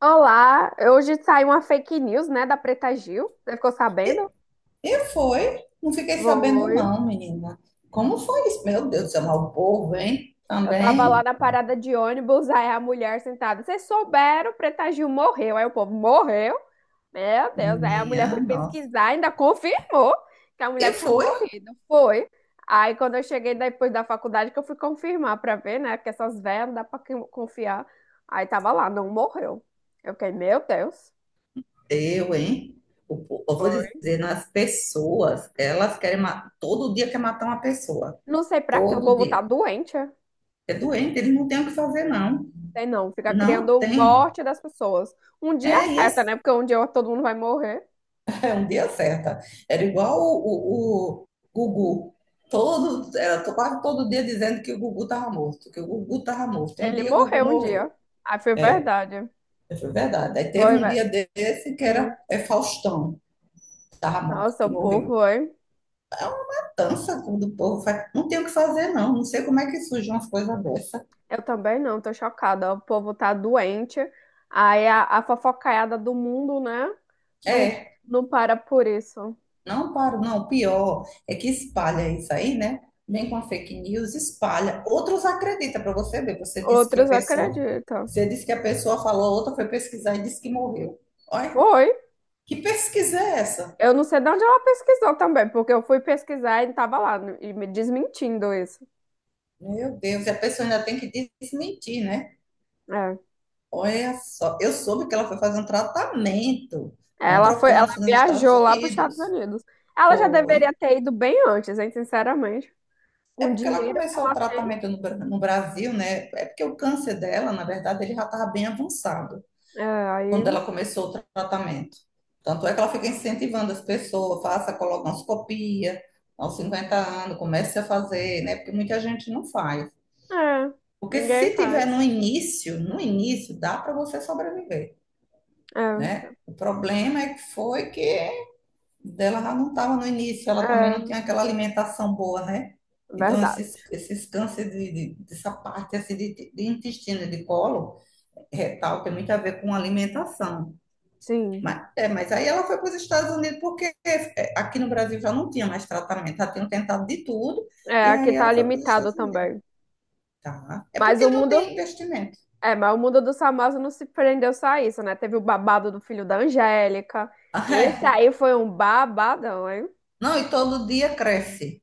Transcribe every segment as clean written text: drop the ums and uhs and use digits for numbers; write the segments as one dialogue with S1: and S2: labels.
S1: Olá, hoje saiu uma fake news, né, da Preta Gil. Você ficou sabendo?
S2: E foi, não fiquei sabendo
S1: Foi.
S2: não, menina. Como foi isso? Meu Deus do céu, mas o povo, hein?
S1: Eu tava lá
S2: Também,
S1: na parada de ônibus, aí a mulher sentada. Vocês souberam, Preta Gil morreu. Aí o povo morreu. Meu Deus, aí a mulher foi
S2: minha nossa.
S1: pesquisar, ainda confirmou que a
S2: E
S1: mulher tinha
S2: foi,
S1: morrido. Foi. Aí quando eu cheguei depois da faculdade, que eu fui confirmar pra ver, né, que essas velhas não dá pra confiar. Aí tava lá, não morreu. Eu fiquei, meu Deus.
S2: eu, hein? Eu vou
S1: Foi.
S2: dizer, nas pessoas, elas querem matar, todo dia quer matar uma pessoa,
S1: Não sei pra quê, o
S2: todo
S1: povo tá
S2: dia.
S1: doente. É?
S2: É doente, eles não têm o que fazer, não.
S1: Tem não, fica
S2: Não
S1: criando
S2: tem.
S1: morte das pessoas. Um dia
S2: É, e
S1: acerta,
S2: esse
S1: né? Porque um dia todo mundo vai morrer.
S2: é um dia certo. Era igual o Gugu. Quase todo dia dizendo que o Gugu estava morto, que o Gugu estava morto. Um
S1: Ele
S2: dia o Gugu
S1: morreu um dia.
S2: morreu.
S1: Ah, foi verdade.
S2: Foi verdade. Aí teve
S1: Foi,
S2: um
S1: velho.
S2: dia desse que
S1: Hum.
S2: era Faustão da Ramonca,
S1: Nossa,
S2: que
S1: o
S2: morreu.
S1: povo, hein?
S2: É uma matança quando o povo faz. Não tem o que fazer, não. Não sei como é que surgem umas coisas dessas.
S1: Eu também não, tô chocada. O povo tá doente. Aí a fofocaiada do mundo, né? Não,
S2: É,
S1: não para por isso.
S2: não paro, não. O pior é que espalha isso aí, né? Vem com a fake news, espalha. Outros acreditam para você ver. Você disse que
S1: Outros
S2: a pessoa.
S1: acreditam.
S2: Você disse que a pessoa falou, outra foi pesquisar e disse que morreu. Olha,
S1: Foi.
S2: que pesquisa é essa?
S1: Eu não sei de onde ela pesquisou também, porque eu fui pesquisar e tava lá, e me desmentindo isso.
S2: Meu Deus, e a pessoa ainda tem que desmentir, né?
S1: É.
S2: Olha só, eu soube que ela foi fazer um tratamento
S1: Ela
S2: contra o
S1: foi, ela
S2: câncer nos Estados
S1: viajou lá para os Estados
S2: Unidos.
S1: Unidos. Ela já deveria
S2: Foi.
S1: ter ido bem antes, hein, sinceramente.
S2: É
S1: Com o
S2: porque ela
S1: dinheiro que
S2: começou o
S1: ela tem,
S2: tratamento no Brasil, né? É porque o câncer dela, na verdade, ele já estava bem avançado
S1: é,
S2: quando
S1: aí,
S2: ela começou o tratamento. Tanto é que ela fica incentivando as pessoas, faça colonoscopia aos 50 anos, comece a fazer, né? Porque muita gente não faz.
S1: é,
S2: Porque se
S1: ninguém
S2: tiver no
S1: faz.
S2: início, no início, dá para você sobreviver,
S1: É,
S2: né? O problema é que foi que dela já não estava no início, ela também não
S1: é,
S2: tinha aquela alimentação boa, né? Então, esses,
S1: verdade.
S2: esses cânceres dessa parte assim, de intestino, de colo retal, tem muito a ver com alimentação.
S1: Sim.
S2: Mas, é, mas aí ela foi para os Estados Unidos porque é, aqui no Brasil já não tinha mais tratamento, já tinham tentado de tudo, e
S1: É, aqui
S2: aí
S1: tá
S2: ela foi para os
S1: limitado
S2: Estados Unidos.
S1: também.
S2: Tá? É
S1: Mas o
S2: porque não tem
S1: mundo,
S2: investimento.
S1: mas o mundo do famosos não se prendeu só a isso, né? Teve o babado do filho da Angélica. Esse
S2: Ai,
S1: aí foi um babadão, hein?
S2: não, e todo dia cresce.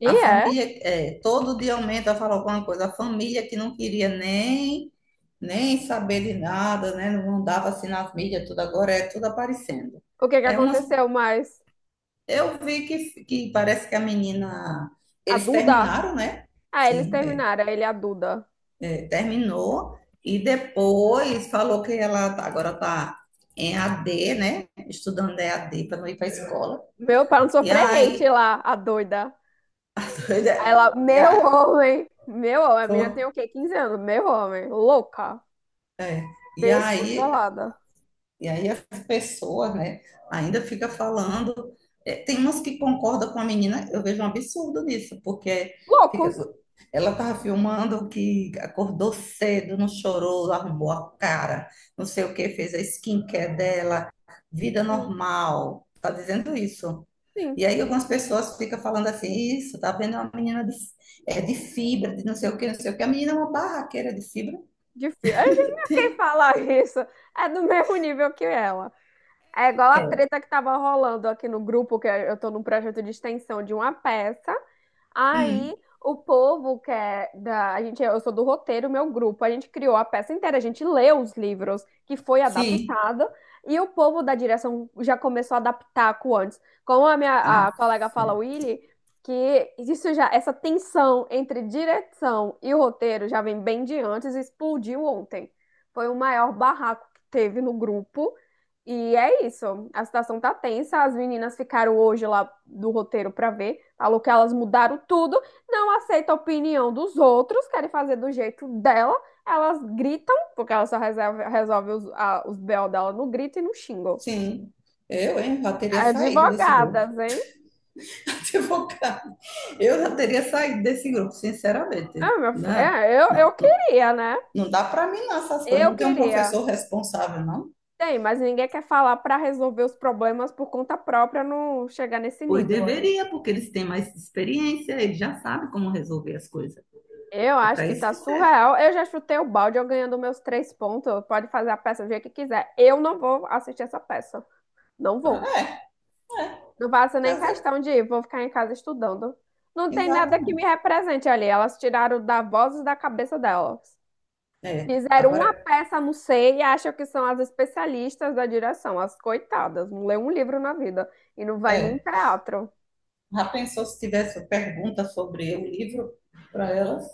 S1: E
S2: A
S1: é.
S2: família, é, todo dia aumenta, fala alguma coisa. A família que não queria nem, saber de nada, né? Não dava assim nas mídias, tudo agora é tudo aparecendo.
S1: O que que
S2: É umas,
S1: aconteceu mais?
S2: eu vi que parece que a menina,
S1: A
S2: eles
S1: Duda?
S2: terminaram, né?
S1: Ah, eles
S2: Sim,
S1: terminaram, ele e a Duda.
S2: terminou e depois falou que ela agora tá em AD, né? Estudando EAD para não ir para a escola.
S1: Meu, pra não
S2: E
S1: sofrer hate
S2: aí,
S1: lá, a doida.
S2: a doida,
S1: Aí ela,
S2: e aí,
S1: meu homem, a menina
S2: foi.
S1: tem o quê? 15 anos, meu homem, louca,
S2: E aí
S1: descontrolada.
S2: E aí as pessoas, né, ainda fica falando. É, tem umas que concordam com a menina, eu vejo um absurdo nisso, porque fica,
S1: Loucos,
S2: ela estava filmando que acordou cedo, não chorou, arrumou a cara, não sei o que, fez a skincare dela, vida
S1: sim,
S2: normal. Tá dizendo isso.
S1: sim,
S2: E aí algumas pessoas ficam falando assim, isso, tá vendo? É uma menina de, é de fibra, de não sei o que, não sei o que. A menina é uma barraqueira de fibra.
S1: de filme. A gente não quer falar isso, é do mesmo nível que ela. É igual a
S2: É.
S1: treta que tava rolando aqui no grupo, que eu tô num projeto de extensão de uma peça. Aí
S2: Hum,
S1: o povo que é da, a gente, eu sou do roteiro, meu grupo, a gente criou a peça inteira, a gente leu os livros que foi
S2: sim.
S1: adaptado e o povo da direção já começou a adaptar com antes. Como a minha a
S2: Ah,
S1: colega fala, Willy, que isso já essa tensão entre direção e o roteiro já vem bem de antes, e explodiu ontem. Foi o maior barraco que teve no grupo. E é isso. A situação tá tensa. As meninas ficaram hoje lá do roteiro pra ver. Falou que elas mudaram tudo, não aceita a opinião dos outros, querem fazer do jeito dela. Elas gritam, porque ela só resolve os BO dela no grito e no xingo.
S2: sim, eu, hein, já teria saído desse grupo,
S1: Advogadas, hein?
S2: se for o caso. Eu já teria saído desse grupo, sinceramente.
S1: Ah,
S2: Não,
S1: é, eu,
S2: não,
S1: eu
S2: não,
S1: queria, né?
S2: não dá para mim não, essas coisas.
S1: Eu
S2: Não tem um
S1: queria.
S2: professor responsável, não?
S1: Tem, mas ninguém quer falar pra resolver os problemas por conta própria, não chegar nesse
S2: Pois
S1: nível aí.
S2: deveria, porque eles têm mais experiência, eles já sabem como resolver as coisas.
S1: Eu
S2: É
S1: acho
S2: para
S1: que
S2: isso
S1: tá
S2: que serve.
S1: surreal. Eu já chutei o balde, eu ganhando meus 3 pontos. Pode fazer a peça do jeito que quiser. Eu não vou assistir essa peça. Não vou.
S2: É, é,
S1: Não faço nem
S2: fazer o quê?
S1: questão de ir. Vou ficar em casa estudando. Não tem nada que me
S2: Exatamente.
S1: represente ali. Elas tiraram da voz da cabeça delas.
S2: É,
S1: Fizeram
S2: agora,
S1: uma peça, não sei, e acham que são as especialistas da direção. As coitadas. Não lê um livro na vida. E não vai num
S2: é,
S1: teatro.
S2: já pensou se tivesse pergunta sobre o livro para elas?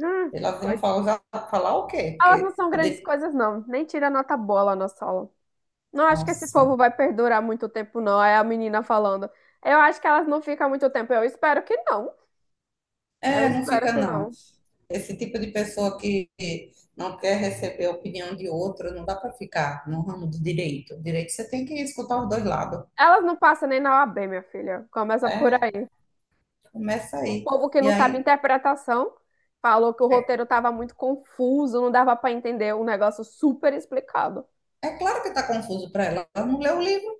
S1: Hum,
S2: Elas iam
S1: coit-
S2: falar, falar o quê?
S1: elas não
S2: Porque
S1: são grandes
S2: poder...
S1: coisas, não. Nem tira nota boa lá na sala. Não acho que esse povo
S2: Nossa.
S1: vai perdurar muito tempo, não. É a menina falando. Eu acho que elas não ficam muito tempo. Eu espero que não. Eu
S2: É, não
S1: espero
S2: fica
S1: que
S2: não.
S1: não.
S2: Esse tipo de pessoa que não quer receber a opinião de outro, não dá para ficar no ramo do direito. Direito você tem que escutar os dois lados.
S1: Elas não passam nem na OAB, minha filha. Começa por
S2: É,
S1: aí.
S2: começa
S1: O
S2: aí.
S1: povo que
S2: E
S1: não sabe
S2: aí,
S1: interpretação falou que o
S2: é,
S1: roteiro estava muito confuso, não dava para entender um negócio super explicado.
S2: é claro que está confuso para ela. Ela não leu o livro.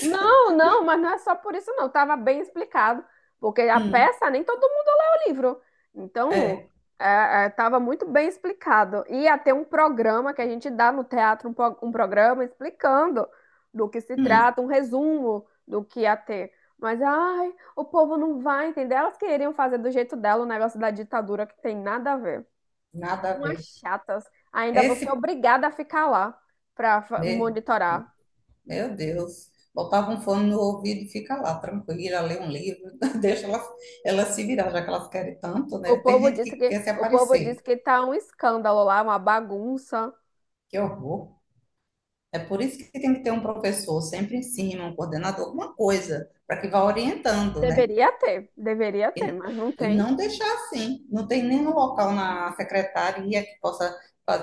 S1: Não, não, mas não é só por isso, não. Tava bem explicado, porque a
S2: Hum,
S1: peça nem todo mundo lê o livro. Então,
S2: é,
S1: é, tava muito bem explicado. Ia ter um programa que a gente dá no teatro, um programa explicando do que se
S2: hum,
S1: trata, um resumo do que ia ter. Mas, ai, o povo não vai entender. Elas queriam fazer do jeito dela o negócio da ditadura que tem nada a ver.
S2: nada a
S1: Umas
S2: ver.
S1: chatas. Ainda você é
S2: Esse
S1: obrigada a ficar lá para
S2: mesmo,
S1: monitorar.
S2: meu Deus. Botava um fone no ouvido e fica lá, tranquila, lê um livro, deixa ela, ela se virar, já que elas querem tanto, né?
S1: O
S2: Tem
S1: povo
S2: gente
S1: disse
S2: que
S1: que
S2: quer se
S1: o povo
S2: aparecer.
S1: disse que tá um escândalo lá, uma bagunça.
S2: Que horror. É por isso que tem que ter um professor sempre em cima, um coordenador, alguma coisa, para que vá orientando, né?
S1: Deveria ter,
S2: E,
S1: mas não
S2: e
S1: tem.
S2: não deixar assim. Não tem nenhum local na secretaria que possa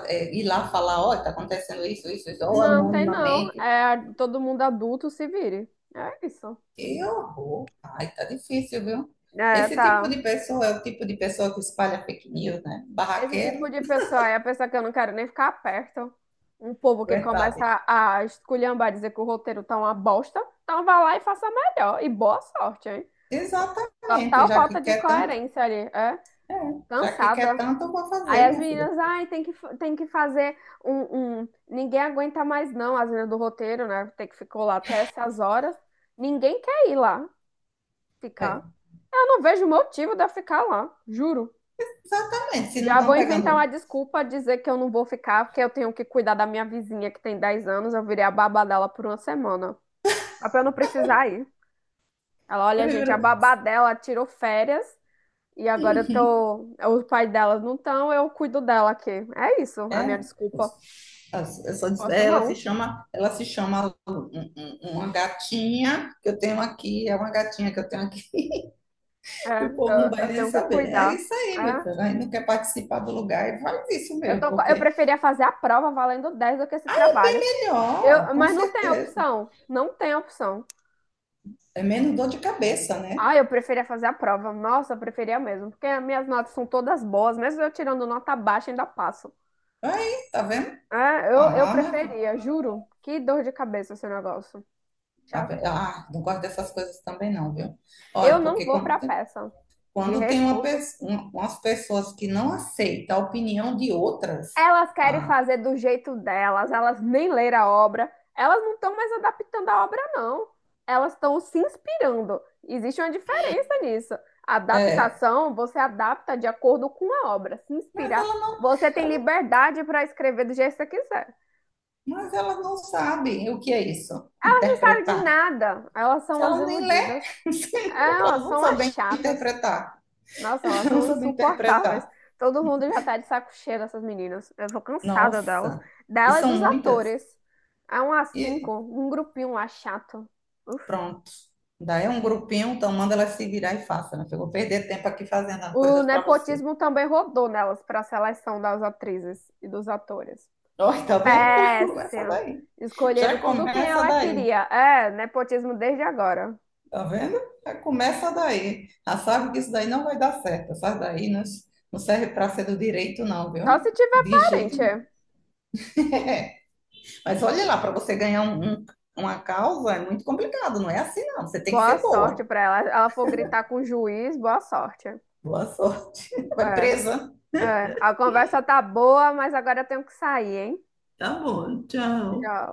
S2: é, ir lá falar, ó, oh, está acontecendo isso, isso, isso, ou
S1: Não tem não.
S2: anonimamente.
S1: É todo mundo adulto se vire. É isso.
S2: Que horror! Ai, tá difícil, viu?
S1: É,
S2: Esse tipo
S1: tá.
S2: de pessoa é o tipo de pessoa que espalha fake news, né?
S1: Esse tipo
S2: Barraqueiro,
S1: de pessoa é a pessoa que eu não quero nem ficar perto. Um povo que
S2: verdade.
S1: começa a esculhambar, dizer que o roteiro tá uma bosta. Então vá lá e faça melhor. E boa sorte, hein?
S2: Exatamente,
S1: Total
S2: já que
S1: falta de
S2: quer tanto,
S1: coerência ali. É
S2: já que quer
S1: cansada.
S2: tanto, eu vou
S1: Aí
S2: fazer,
S1: as
S2: minha filha.
S1: meninas, ai, tem que, tem que fazer Ninguém aguenta mais, não, as meninas do roteiro, né? Tem que ficou lá até essas horas. Ninguém quer ir lá
S2: É,
S1: ficar. Eu não vejo motivo de eu ficar lá, juro.
S2: exatamente, se não
S1: Já
S2: estão
S1: vou inventar uma
S2: pegando
S1: desculpa, dizer que eu não vou ficar, porque eu tenho que cuidar da minha vizinha que tem 10 anos. Eu virei a babá dela por uma semana. Só pra eu não precisar ir. Ela, olha,
S2: Ele
S1: gente, a
S2: virou,
S1: babá dela tirou férias e agora eu
S2: "Hum,
S1: tô. Os pais delas não estão, eu cuido dela aqui. É isso, a minha
S2: É,
S1: desculpa.
S2: eu só
S1: Posso
S2: é, ela se
S1: não.
S2: chama, ela se chama uma gatinha que eu tenho aqui, é uma gatinha que eu tenho aqui,
S1: É,
S2: e o povo não
S1: eu,
S2: vai
S1: eu
S2: nem
S1: tenho que
S2: saber. É
S1: cuidar.
S2: isso
S1: É,
S2: aí, meu filho. Aí não quer participar do lugar e faz isso
S1: eu
S2: mesmo,
S1: tô, eu
S2: porque
S1: preferia fazer a prova valendo 10 do que esse
S2: é
S1: trabalho.
S2: melhor,
S1: Eu,
S2: com
S1: mas não tem
S2: certeza.
S1: opção. Não tem opção.
S2: É menos dor de cabeça, né?
S1: Ah, eu preferia fazer a prova. Nossa, eu preferia mesmo. Porque as minhas notas são todas boas. Mesmo eu tirando nota baixa, ainda passo.
S2: Aí, tá vendo?
S1: É, eu
S2: Ah, meu filho.
S1: preferia, juro. Que dor de cabeça esse negócio.
S2: Tá vendo?
S1: Chatice.
S2: Ah, não gosto dessas coisas também, não, viu?
S1: Eu
S2: Olha,
S1: não
S2: porque
S1: vou pra peça. Me
S2: quando tem
S1: recuso.
S2: umas pessoas que não aceitam a opinião de outras.
S1: Elas querem
S2: Ah,
S1: fazer do jeito delas, elas nem leram a obra, elas não estão mais adaptando a obra, não. Elas estão se inspirando. Existe uma diferença nisso.
S2: é,
S1: Adaptação, você adapta de acordo com a obra. Se
S2: mas
S1: inspirar,
S2: ela não,
S1: você tem
S2: ela-
S1: liberdade para escrever do jeito que você quiser.
S2: mas ela não sabe o que é isso,
S1: Elas não sabem de
S2: interpretar.
S1: nada, elas
S2: Se
S1: são as
S2: ela nem lê,
S1: iludidas,
S2: sim, porque ela
S1: elas
S2: não
S1: são as
S2: sabe
S1: chatas.
S2: interpretar,
S1: Nossa, elas
S2: não
S1: são
S2: sabe
S1: insuportáveis.
S2: interpretar.
S1: Todo mundo já tá de saco cheio dessas meninas. Eu tô cansada delas.
S2: Nossa, e
S1: Dela e
S2: são
S1: dos
S2: muitas.
S1: atores. Há um a cinco,
S2: E
S1: um grupinho lá chato. Uf.
S2: pronto. Daí é um grupinho, então manda ela se virar e faça, né? Eu vou perder tempo aqui fazendo
S1: O
S2: coisas para você.
S1: nepotismo também rodou nelas pra seleção das atrizes e dos atores.
S2: Olha, tá vendo? Já começa
S1: Péssimo.
S2: daí.
S1: Escolheram
S2: Já
S1: tudo quem
S2: começa
S1: ela
S2: daí.
S1: queria. É, nepotismo desde agora.
S2: Tá vendo? Já começa daí. Já sabe que isso daí não vai dar certo. Essa daí não, não serve para ser do direito, não,
S1: Só
S2: viu?
S1: se tiver
S2: De jeito nenhum.
S1: parente.
S2: É. É. Mas olha lá, para você ganhar uma causa é muito complicado. Não é assim, não. Você tem que
S1: Boa
S2: ser
S1: sorte
S2: boa.
S1: pra ela. Ela for gritar com o juiz, boa sorte.
S2: Boa sorte. Vai
S1: É.
S2: presa.
S1: É, a conversa tá boa, mas agora eu tenho que sair, hein?
S2: Tá bom, tchau.
S1: Já,